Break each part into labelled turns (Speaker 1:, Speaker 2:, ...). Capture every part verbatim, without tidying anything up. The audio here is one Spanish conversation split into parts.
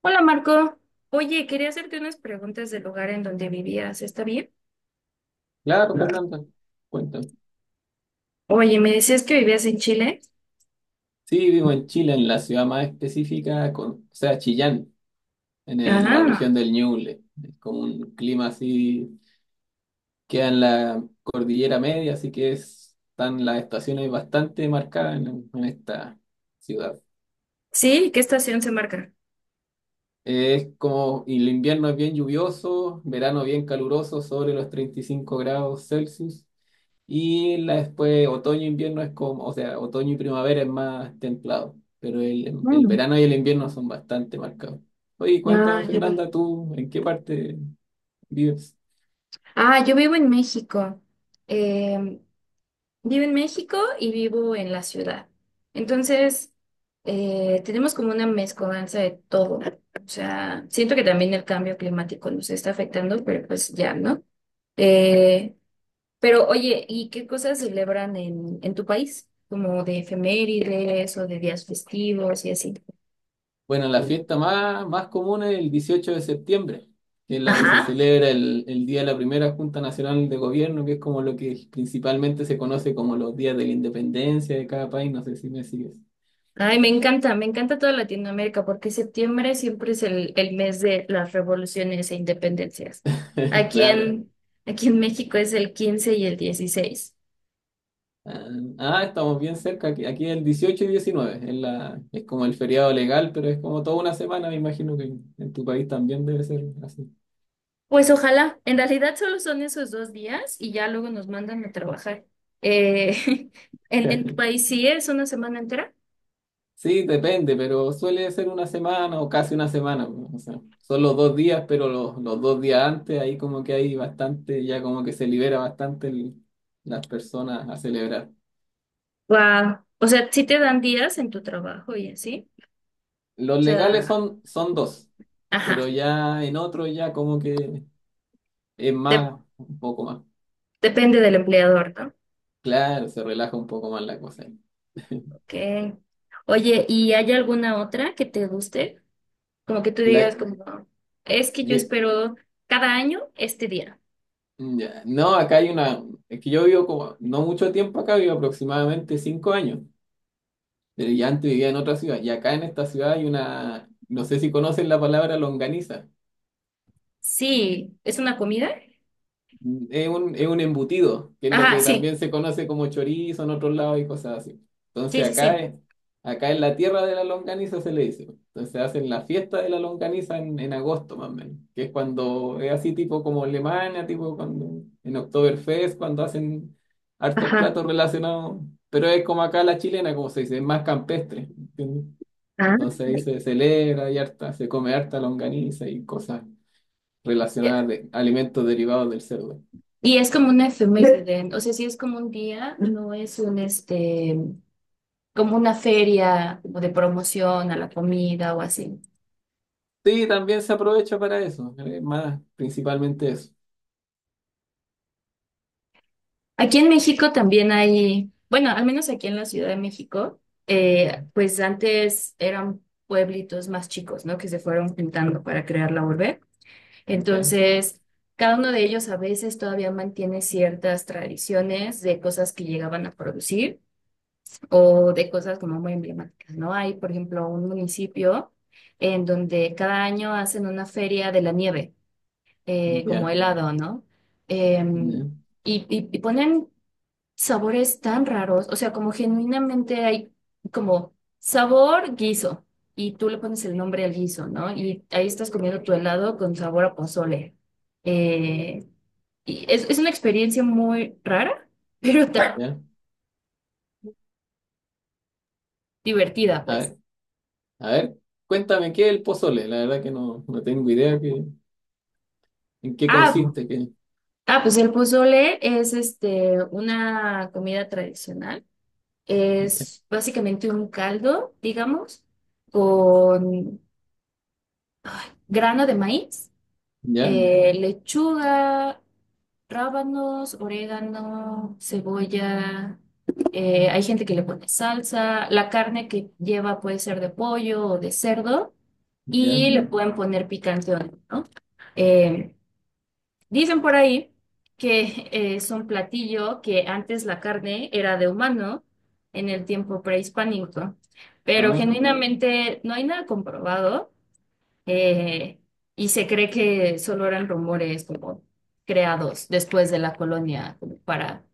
Speaker 1: Hola Marco, oye, quería hacerte unas preguntas del lugar en donde vivías, ¿está bien?
Speaker 2: Claro,
Speaker 1: Claro.
Speaker 2: Fernanda, cuéntame.
Speaker 1: Oye, me decías que vivías en Chile.
Speaker 2: Sí, vivo en Chile, en la ciudad más específica, con, o sea, Chillán, en el- la
Speaker 1: Ah,
Speaker 2: región del Ñuble. Es como un clima así, queda en la cordillera media, así que es- están las estaciones bastante marcadas en, en esta ciudad.
Speaker 1: sí, ¿qué estación se marca?
Speaker 2: Es como, y el invierno es bien lluvioso, verano bien caluroso, sobre los treinta y cinco grados Celsius. Y la, después otoño e invierno es como, o sea, otoño y primavera es más templado, pero el, em, el
Speaker 1: Mm.
Speaker 2: verano y el invierno son bastante marcados. Oye,
Speaker 1: Ah,
Speaker 2: cuéntame,
Speaker 1: yo, vi-
Speaker 2: Fernanda, ¿tú en qué parte vives?
Speaker 1: ah, yo vivo en México. Em, Vivo en México y vivo en la ciudad. Entonces, eh, tenemos como una mezcolanza de todo. O sea, siento que también el cambio climático nos está afectando, pero pues ya, ¿no? Eh, Pero oye, ¿y qué cosas celebran en, en tu país? Como de efemérides o de días festivos y así.
Speaker 2: Bueno, la fiesta más, más común es el dieciocho de septiembre, que es la que se
Speaker 1: Ajá.
Speaker 2: celebra el, el día de la primera Junta Nacional de Gobierno, que es como lo que principalmente se conoce como los días de la independencia de cada país, no sé si me sigues.
Speaker 1: Ay, me encanta, me encanta toda Latinoamérica porque septiembre siempre es el, el mes de las revoluciones e independencias. Aquí
Speaker 2: Claro.
Speaker 1: en, aquí en México es el quince y el dieciséis.
Speaker 2: Ah, ah, estamos bien cerca. Aquí, aquí el dieciocho y diecinueve es, la, es como el feriado legal, pero es como toda una semana. Me imagino que en tu país también debe ser así.
Speaker 1: Pues ojalá, en realidad solo son esos dos días y ya luego nos mandan a trabajar. Eh, ¿en, en tu país sí es una semana entera?
Speaker 2: Sí, depende, pero suele ser una semana o casi una semana. O sea, son los dos días, pero los, los dos días antes, ahí como que hay bastante, ya como que se libera bastante el- las personas a celebrar.
Speaker 1: Wow. O sea, sí te dan días en tu trabajo y así.
Speaker 2: Los
Speaker 1: O
Speaker 2: legales
Speaker 1: sea,
Speaker 2: son, son dos, pero
Speaker 1: ajá.
Speaker 2: ya en otro ya como que es
Speaker 1: Dep-
Speaker 2: más, un poco más.
Speaker 1: depende del empleador, ¿no?
Speaker 2: Claro, se relaja un poco más la cosa ahí.
Speaker 1: Ok. Oye, ¿y hay alguna otra que te guste? Como que tú
Speaker 2: La,
Speaker 1: digas, como, es que yo
Speaker 2: mira,
Speaker 1: espero cada año este día.
Speaker 2: ya, no, acá hay una, es que yo vivo como, no mucho tiempo acá, vivo aproximadamente cinco años, pero ya antes vivía en otra ciudad, y acá en esta ciudad hay una, no sé si conocen la palabra longaniza.
Speaker 1: Sí, ¿es una comida?
Speaker 2: Es un, es un embutido, que es lo
Speaker 1: Ajá,
Speaker 2: que
Speaker 1: sí.
Speaker 2: también se conoce como chorizo en otros lados y cosas así.
Speaker 1: Sí,
Speaker 2: Entonces
Speaker 1: sí,
Speaker 2: acá,
Speaker 1: sí.
Speaker 2: es- acá en la tierra de la longaniza se le dice. Entonces hacen la fiesta de la longaniza en, en agosto más o menos, que es cuando es así tipo como Alemania, tipo cuando en Oktoberfest, cuando hacen hartos
Speaker 1: Ajá.
Speaker 2: platos relacionados, pero es como acá la chilena, como se dice, es más campestre, ¿entiendes?
Speaker 1: Ah,
Speaker 2: Entonces ahí se celebra y harta, se come harta longaniza y cosas
Speaker 1: ya.
Speaker 2: relacionadas de alimentos derivados del cerdo.
Speaker 1: Y es como una efeméride, ¿no? O sea, sí es como un día, no es un este, como una feria como de promoción a la comida o así.
Speaker 2: Sí, también se aprovecha para eso, eh, más principalmente eso.
Speaker 1: Aquí en México también hay, bueno, al menos aquí en la Ciudad de México, eh, pues antes eran pueblitos más chicos, ¿no? Que se fueron juntando para crear la urbe.
Speaker 2: Ya,
Speaker 1: Entonces, cada uno de ellos a veces todavía mantiene ciertas tradiciones de cosas que llegaban a producir o de cosas como muy emblemáticas, ¿no? Hay, por ejemplo, un municipio en donde cada año hacen una feria de la nieve, eh, como
Speaker 2: ya,
Speaker 1: helado, ¿no?
Speaker 2: ya,
Speaker 1: Em, y, y- y ponen sabores tan raros, o sea, como genuinamente hay como sabor guiso y tú le pones el nombre al guiso, ¿no? Y ahí estás comiendo tu helado con sabor a pozole. Eh, y es, es una experiencia muy rara, pero tan
Speaker 2: ya.
Speaker 1: divertida,
Speaker 2: A
Speaker 1: pues.
Speaker 2: ver, a ver, cuéntame qué es el pozole, la verdad que no, no tengo idea que, en qué
Speaker 1: Ah,
Speaker 2: consiste, que,
Speaker 1: ah, pues el pozole es este, una comida tradicional. Es básicamente un caldo, digamos, con grano de maíz,
Speaker 2: ya,
Speaker 1: eh, lechuga, rábanos, orégano, cebolla. Eh, hay gente que le pone salsa. La carne que lleva puede ser de pollo o de cerdo
Speaker 2: ya,
Speaker 1: y le pueden poner picante o no, ¿no? Eh, dicen por ahí que eh, es un platillo que antes la carne era de humano en el tiempo prehispánico, pero
Speaker 2: ah,
Speaker 1: genuinamente no hay nada comprobado, eh, y se cree que solo eran rumores como creados después de la colonia como para,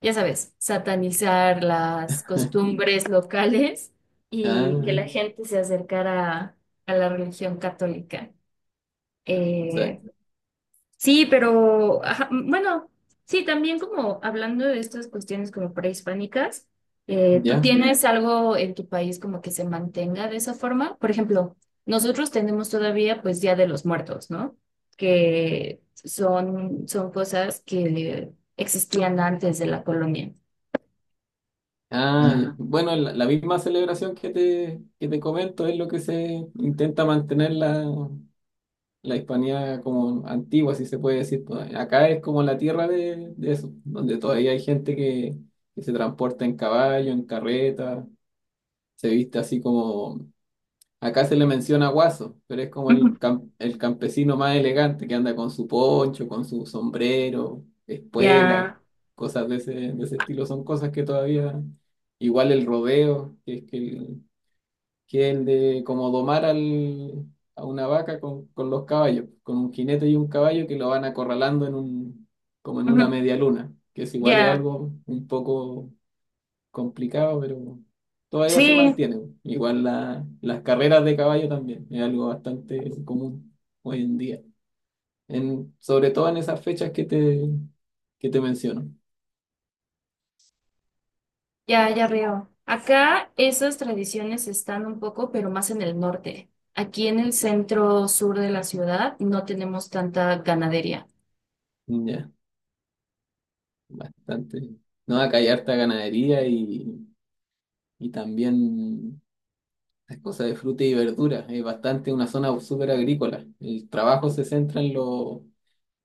Speaker 1: ya sabes, satanizar las costumbres locales y
Speaker 2: ah,
Speaker 1: que la gente se acercara a la religión católica. Eh,
Speaker 2: exacto,
Speaker 1: Sí, pero ajá, m- bueno, sí, también como hablando de estas cuestiones como prehispánicas, eh, ¿tú
Speaker 2: ya,
Speaker 1: tienes algo en tu país como que se mantenga de esa forma? Por ejemplo, nosotros tenemos todavía pues Día de los Muertos, ¿no? Que son, son cosas que existían antes de la colonia.
Speaker 2: ah, ya.
Speaker 1: Ah.
Speaker 2: Bueno, la, la misma celebración que te, que te comento es lo que se intenta mantener la, la Hispania como antigua, si se puede decir, pues. Acá es como la tierra de, de eso, donde todavía hay gente que, que se transporta en caballo, en carreta, se viste así como... Acá se le menciona guaso, pero es como
Speaker 1: Ujú.
Speaker 2: el, cam- el campesino más elegante que anda con su poncho, con su sombrero, espuela,
Speaker 1: Ya,
Speaker 2: cosas de ese, de ese estilo. Son cosas que todavía, igual el rodeo, que es que el, que es el de como domar al, a una vaca con, con los caballos, con un jinete y un caballo que lo van acorralando en un, como en una
Speaker 1: ujú,
Speaker 2: media luna, que es igual es
Speaker 1: ya,
Speaker 2: algo un poco complicado, pero todavía se
Speaker 1: sí.
Speaker 2: mantiene. Igual la- las carreras de caballo también, es algo bastante común hoy en día, en, sobre todo en esas fechas que te, que te menciono.
Speaker 1: Ya, ya veo. Acá esas tradiciones están un poco, pero más en el norte. Aquí en el centro sur de la ciudad no tenemos tanta ganadería.
Speaker 2: Ya, bastante. No, acá hay harta ganadería y, y también es cosas de fruta y verduras, es bastante una zona súper agrícola. El trabajo se centra en lo,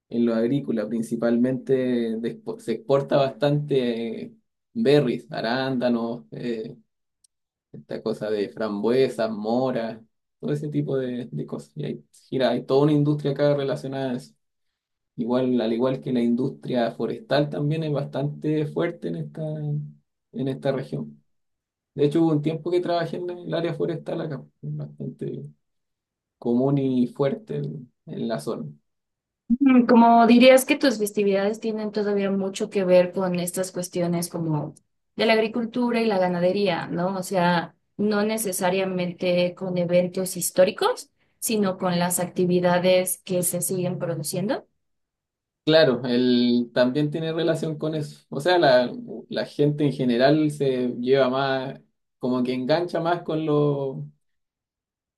Speaker 2: en lo agrícola, principalmente de expo- se exporta bastante, eh, berries, arándanos, eh, esta cosa de frambuesas, moras, todo ese tipo de, de cosas. Y hay, gira, hay toda una industria acá relacionada a eso. Igual, al igual que la industria forestal también es bastante fuerte en esta, en esta región. De hecho, hubo un tiempo que trabajé en el área forestal acá, bastante común y fuerte en, en la zona.
Speaker 1: Mm. Como dirías que tus festividades tienen todavía mucho que ver con estas cuestiones como de la agricultura y la ganadería, ¿no? O sea, no necesariamente con eventos históricos, sino con las actividades que se siguen produciendo.
Speaker 2: Claro, él también tiene relación con eso. O sea, la, la gente en general se lleva más, como que engancha más con lo,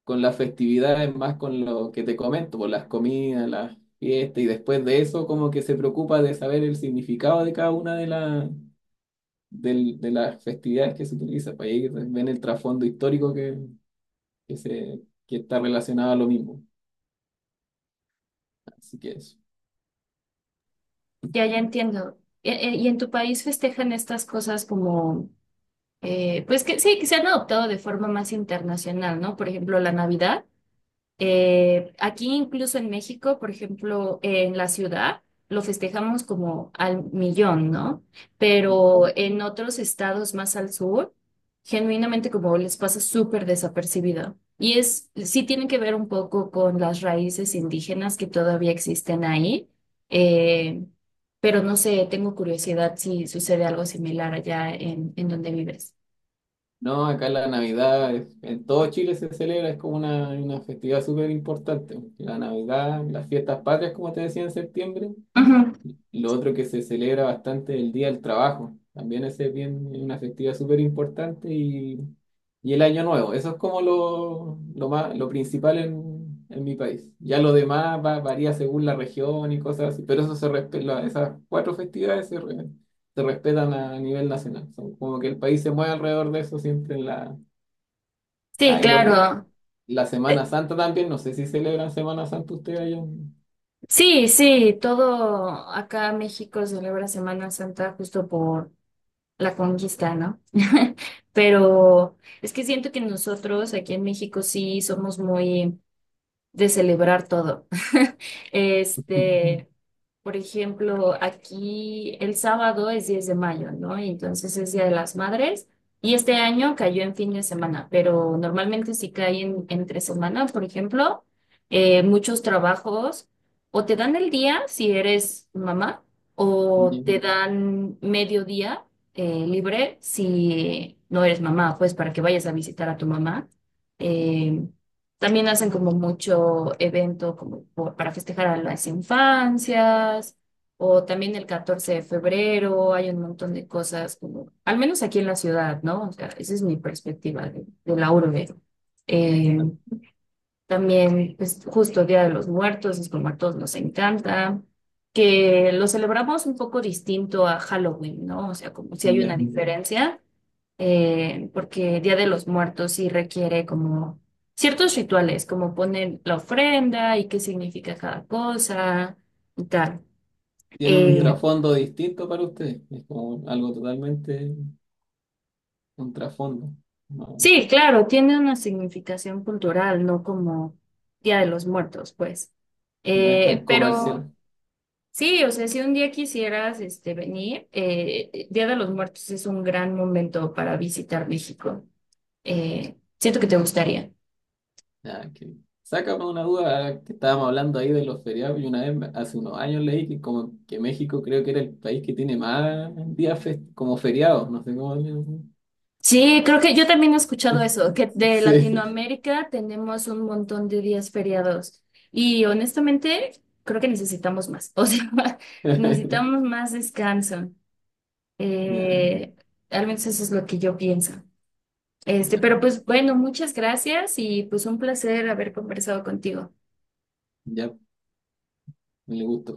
Speaker 2: con las festividades, más con lo que te comento, por las comidas, las fiestas, y después de eso como que se preocupa de saber el significado de cada una de la del- de las festividades que se utiliza. Para ahí ven el trasfondo histórico que, que se, que está relacionado a lo mismo. Así que eso.
Speaker 1: Ya, ya entiendo. E- e- ¿Y en tu país festejan estas cosas como… eh, pues que sí, que se han adoptado de forma más internacional, ¿no? Por ejemplo, la Navidad. Eh, aquí incluso en México, por ejemplo, en la ciudad, lo festejamos como al millón, ¿no? Pero en otros estados más al sur, genuinamente como les pasa súper desapercibido. Y es, sí tiene que ver un poco con las raíces indígenas que todavía existen ahí. eh, pero no sé, tengo curiosidad si sucede algo similar allá en, en donde vives.
Speaker 2: No, acá la Navidad, es- en todo Chile se celebra, es como una, una festividad súper importante. La Navidad, las fiestas patrias, como te decía en septiembre,
Speaker 1: Ujú.
Speaker 2: lo otro que se celebra bastante es el Día del Trabajo. También ese es bien, es una festividad súper importante y, y el Año Nuevo. Eso es como lo, lo más, lo principal en, en mi país. Ya lo demás va- varía según la región y cosas así, pero eso se respe- la- esas cuatro festividades se, re- se respetan a nivel nacional. Son como que el país se mueve alrededor de eso siempre en la...
Speaker 1: Sí,
Speaker 2: Ah, y lo otro,
Speaker 1: claro.
Speaker 2: la Semana
Speaker 1: Eh,
Speaker 2: Santa también. No sé si celebran Semana Santa ustedes allá.
Speaker 1: sí, sí, todo acá en México celebra Semana Santa justo por la conquista, ¿no? Pero es que siento que nosotros aquí en México sí somos muy de celebrar todo. Este, por ejemplo, aquí el sábado es diez de mayo, ¿no? Y entonces es Día de las Madres. Y este año cayó en fin de semana, pero normalmente si cae en, entre semana, por ejemplo, eh, muchos trabajos o te dan el día si eres mamá o
Speaker 2: Ya,
Speaker 1: te dan medio día, eh, libre si no eres mamá, pues para que vayas a visitar a tu mamá. Eh, también hacen como mucho evento como por- para festejar a las infancias, o también el catorce de febrero, hay un montón de cosas como, al menos aquí en la ciudad, ¿no? O sea, esa es mi perspectiva de, de la urbe. Eh, también, pues justo Día de los Muertos, es como a todos nos encanta, que lo celebramos un poco distinto a Halloween, ¿no? O sea, como si hay una
Speaker 2: ya,
Speaker 1: diferencia, eh, porque Día de los Muertos sí requiere como ciertos rituales, como poner la ofrenda y qué significa cada cosa y tal.
Speaker 2: tiene un
Speaker 1: Eh,
Speaker 2: trasfondo distinto para usted. Es como algo totalmente un trasfondo. No,
Speaker 1: Sí. Sí, claro, tiene una significación cultural, no como Día de los Muertos, pues.
Speaker 2: no es
Speaker 1: Eh,
Speaker 2: tan
Speaker 1: pero
Speaker 2: comercial.
Speaker 1: sí, o sea, si un día quisieras este, venir, eh, eh, Día de los Muertos es un gran momento para visitar México. Eh, siento que te gustaría.
Speaker 2: Nada que... Sácame una duda que estábamos hablando ahí de los feriados y una vez me- hace unos años leí que como que México creo que era el país que tiene más días fes- como feriados, no sé cómo le-
Speaker 1: Sí, creo que yo también he escuchado eso, que de
Speaker 2: Sí.
Speaker 1: Latinoamérica tenemos un montón de días feriados y honestamente creo que necesitamos más, o sea, necesitamos más descanso.
Speaker 2: Ya,
Speaker 1: Eh, al menos eso es lo que yo pienso. Este,
Speaker 2: ya,
Speaker 1: pero pues bueno, muchas gracias y pues un placer haber conversado contigo.
Speaker 2: ya, me le gusta.